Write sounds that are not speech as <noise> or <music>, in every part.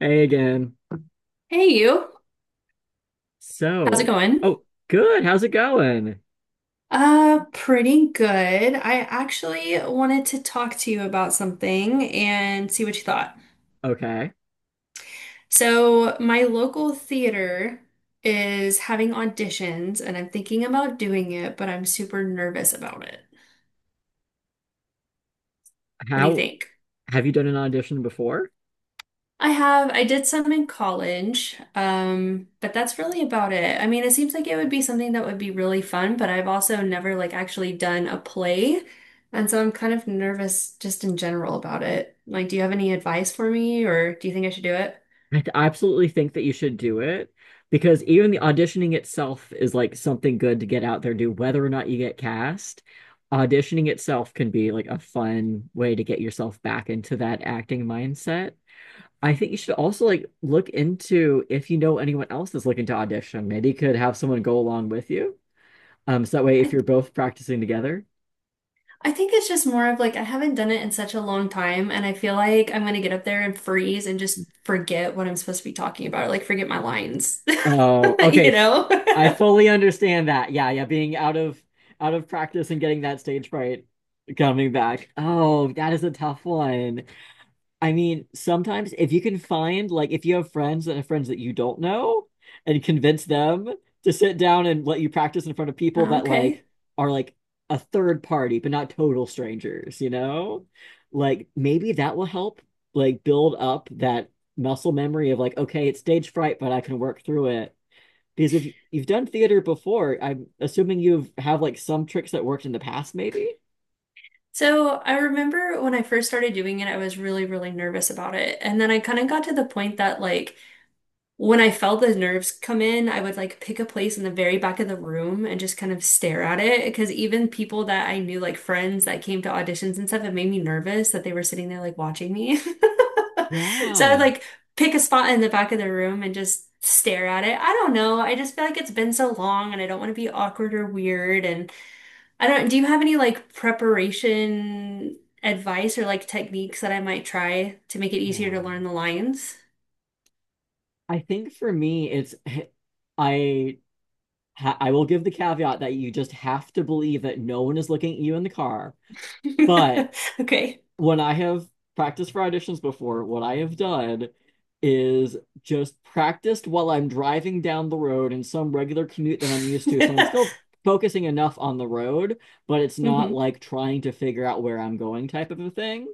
Hey again. Hey you, how's it So, going? oh, good. How's it going? Pretty good. I actually wanted to talk to you about something and see what you thought. Okay. So, my local theater is having auditions and I'm thinking about doing it, but I'm super nervous about it. What do you How think? have you done an audition before? I have, I did some in college, but that's really about it. I mean, it seems like it would be something that would be really fun, but I've also never like actually done a play, and so I'm kind of nervous just in general about it. Like, do you have any advice for me, or do you think I should do it? I absolutely think that you should do it because even the auditioning itself is like something good to get out there and do, whether or not you get cast. Auditioning itself can be like a fun way to get yourself back into that acting mindset. I think you should also like look into if you know anyone else that's looking to audition. Maybe you could have someone go along with you. So that way, I if you're th- both practicing together. I think it's just more of like I haven't done it in such a long time, and I feel like I'm gonna get up there and freeze and just forget what I'm supposed to be talking about, like forget my lines, Oh, <laughs> okay. you know? I <laughs> fully understand that. Yeah, yeah, being out of practice and getting that stage fright coming back. Oh, that is a tough one. I mean, sometimes if you can find like if you have friends and friends that you don't know and convince them to sit down and let you practice in front of people that Okay. like are like a third party but not total strangers, you know? Like maybe that will help like build up that muscle memory of like okay, it's stage fright, but I can work through it because if you've done theater before, I'm assuming you've have like some tricks that worked in the past, maybe? So I remember when I first started doing it, I was really, really nervous about it. And then I kind of got to the point that like when I felt the nerves come in, I would like pick a place in the very back of the room and just kind of stare at it. Because even people that I knew, like friends that came to auditions and stuff, it made me nervous that they were sitting there like watching me. <laughs> So I would Yeah. like pick a spot in the back of the room and just stare at it. I don't know. I just feel like it's been so long and I don't want to be awkward or weird. And I don't, do you have any like preparation advice or like techniques that I might try to make it easier to Yeah. learn the lines? I think for me, it's <laughs> I I will give the caveat that you just have to believe that no one is looking at you in the car. But <laughs> Okay. when I have practiced for auditions before, what I have done is just practiced while I'm driving down the road in some regular commute that I'm used to. So I'm <laughs> still focusing enough on the road, but it's not Hmm. like trying to figure out where I'm going type of a thing.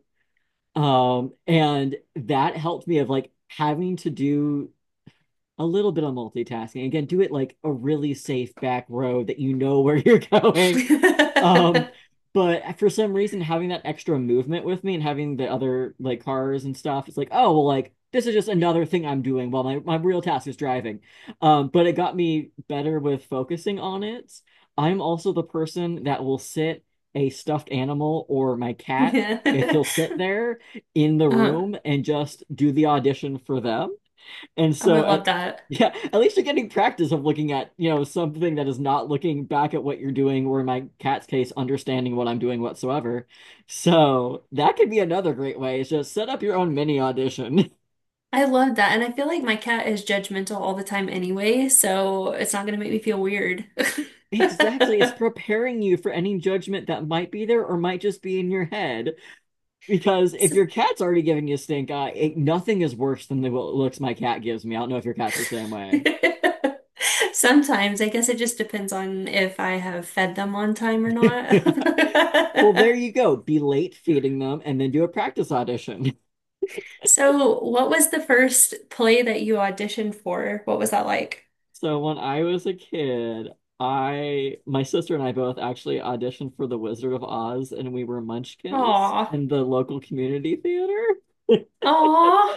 And that helped me of like having to do a little bit of multitasking. Again, do it like a really safe back road that you know where <laughs> you're going. <laughs> Um, but for some reason, having that extra movement with me and having the other like cars and stuff, it's like, oh, well, like this is just another thing I'm doing while my real task is driving. But it got me better with focusing on it. I'm also the person that will sit a stuffed animal or my cat if Yeah. he'll <laughs> sit there in the Uh-huh. Oh, room and just do the audition for them and I so love at that. <laughs> yeah, at least you're getting practice of looking at, you know, something that is not looking back at what you're doing, or in my cat's case, understanding what I'm doing whatsoever. So that could be another great way is just set up your own mini audition. <laughs> I love that. And I feel like my cat is judgmental all the time anyway, so it's not gonna make me feel weird. <laughs> Exactly. It's preparing you for any judgment that might be there or might just be in your head. Because if S- your cat's already giving you stink eye, nothing is worse than the looks my cat gives me. I don't know if your cat's the same <laughs> way. Sometimes, I guess it just depends on if I have fed them on time or not. <laughs> Well, there <laughs> you go. Be late feeding them and then do a practice audition. So, what was the first play that you auditioned for? What was that like? So when I was a kid, I my sister and I both actually auditioned for The Wizard of Oz and we were Munchkins Aw, in the local community theater. aw,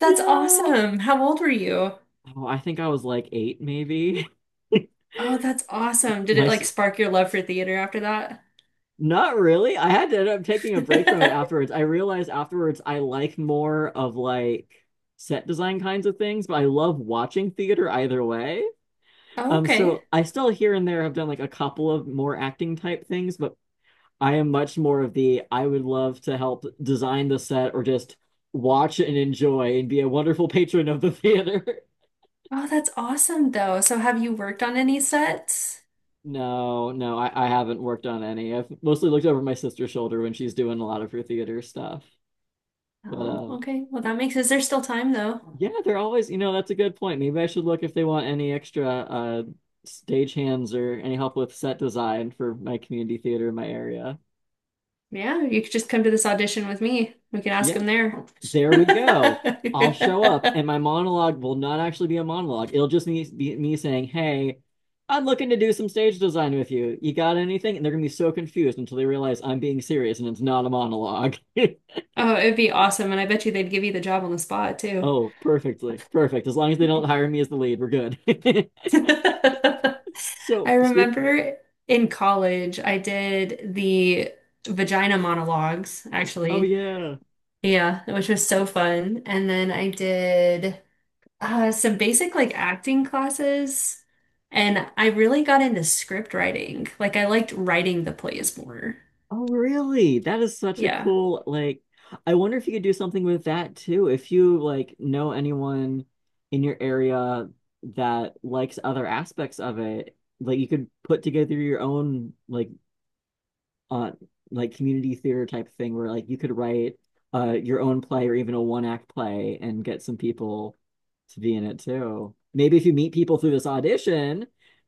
that's Yeah. awesome. How old were you? Oh, I think I was like eight maybe. Oh, that's awesome. <laughs> Did My it s- like spark your love for theater after that? not really. I had to end up taking a break from it <laughs> afterwards. I realized afterwards I like more of like set design kinds of things, but I love watching theater either way. Oh, Um, okay. so I still here and there have done like a couple of more acting type things, but I am much more of the I would love to help design the set or just watch and enjoy and be a wonderful patron of the theater. <laughs> Oh, that's awesome though. So, have you worked on any sets? No, no, I haven't worked on any. I've mostly looked over my sister's shoulder when she's doing a lot of her theater stuff. But Oh, uh okay. Well, that makes, is there still time though? yeah, they're always, you know, that's a good point. Maybe I should look if they want any extra stage hands or any help with set design for my community theater in my area. Yeah, you could just come to this audition with me. We can ask Yeah. them there. There we go. I'll show up, and <laughs> my monologue will not actually be a monologue. Be me saying, "Hey, I'm looking to do some stage design with you. You got anything?" And they're gonna be so confused until they realize I'm being serious and it's not a monologue. <laughs> Oh, it'd be awesome. And I bet you they'd give you the job on the spot too. Oh, perfectly. Perfect. As long as they don't hire me as the lead, we're good. <laughs> <laughs> I So, speak. remember in college, I did the vagina monologues, Oh, actually. yeah. Yeah, which was so fun. And then I did some basic like acting classes. And I really got into script writing. Like I liked writing the plays more. Oh, really? That is such a Yeah. cool, like, I wonder if you could do something with that too. If you like know anyone in your area that likes other aspects of it, like you could put together your own uh like community theater type thing where like you could write your own play or even a one act play and get some people to be in it too. Maybe if you meet people through this audition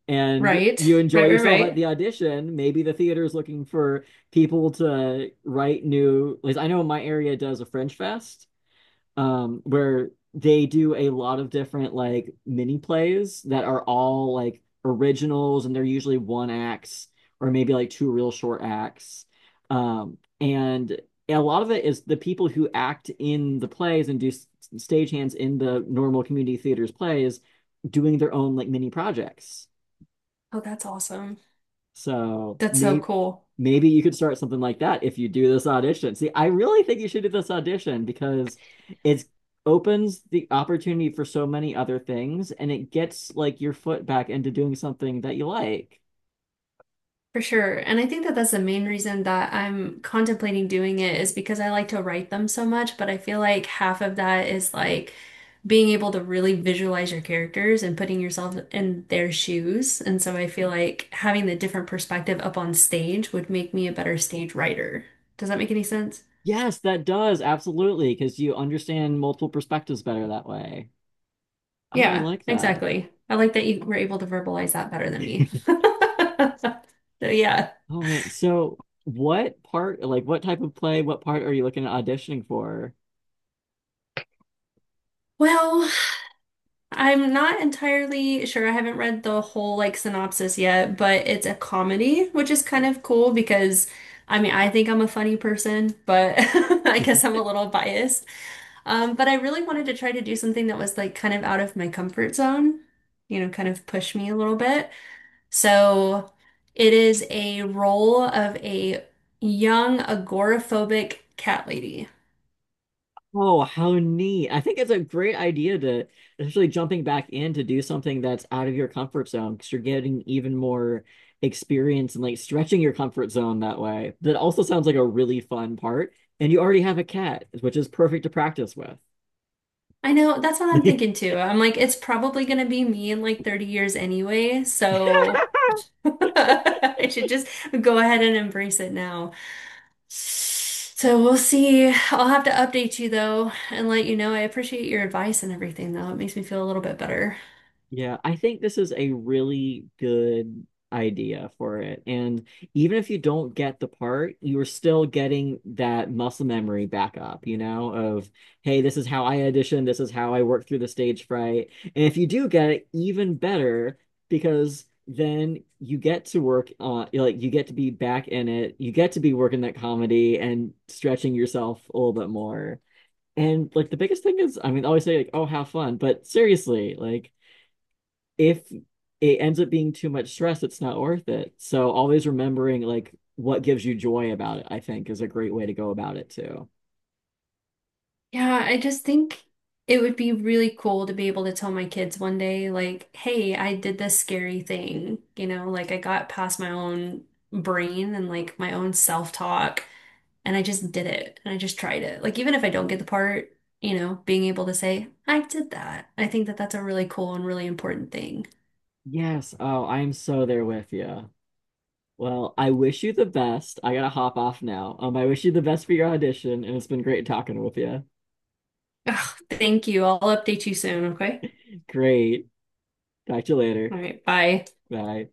and Right. you enjoy Right, right, yourself at right. the audition, maybe the theater is looking for people to write new, like I know my area does a French fest where they do a lot of different like mini plays that are all like originals and they're usually one acts or maybe like two real short acts. And a lot of it is the people who act in the plays and do stagehands in the normal community theaters plays doing their own like mini projects. Oh, that's awesome. So That's so may cool. maybe you could start something like that if you do this audition. See, I really think you should do this audition because it opens the opportunity for so many other things and it gets like your foot back into doing something that you like. For sure. And I think that that's the main reason that I'm contemplating doing it is because I like to write them so much, but I feel like half of that is like being able to really visualize your characters and putting yourself in their shoes. And so I feel like having the different perspective up on stage would make me a better stage writer. Does that make any sense? Yes, that does, absolutely, because you understand multiple perspectives better that way. Oh, I Yeah, like that. exactly. I like that you were able to verbalize that better than me. <laughs> <laughs> So yeah. Oh man. So what part, like what type of play, what part are you looking at auditioning for? Well, I'm not entirely sure. I haven't read the whole like synopsis yet, but it's a comedy, which is kind of cool because I mean, I think I'm a funny person, but <laughs> I guess I'm a little biased. But I really wanted to try to do something that was like kind of out of my comfort zone, you know, kind of push me a little bit. So it is a role of a young agoraphobic cat lady. Oh, how neat. I think it's a great idea to, especially jumping back in to do something that's out of your comfort zone because you're getting even more experience and like stretching your comfort zone that way. That also sounds like a really fun part. And you already have a cat, which is perfect to practice with. I know that's what I'm thinking <laughs> too. I'm like, it's probably gonna be me in like 30 years anyway, so <laughs> I should just go ahead and embrace it now. So we'll see. I'll have to update you though and let you know. I appreciate your advice and everything though. It makes me feel a little bit better. Yeah, I think this is a really good idea for it. And even if you don't get the part, you're still getting that muscle memory back up, you know, of, hey, this is how I audition, this is how I work through the stage fright. And if you do get it, even better, because then you get to work on, like, you get to be back in it, you get to be working that comedy and stretching yourself a little bit more. And like the biggest thing is, I mean, I always say like, oh, have fun, but seriously, like if it ends up being too much stress, it's not worth it. So always remembering like what gives you joy about it, I think is a great way to go about it too. Yeah, I just think it would be really cool to be able to tell my kids one day, like, hey, I did this scary thing. You know, like I got past my own brain and like my own self-talk and I just did it and I just tried it. Like, even if I don't get the part, you know, being able to say, I did that. I think that that's a really cool and really important thing. Yes. Oh, I'm so there with you. Well, I wish you the best. I gotta hop off now. I wish you the best for your audition, and it's been great talking with you. Ugh, thank you. I'll update you soon, okay? Great. Talk to you later. All right, bye. Bye.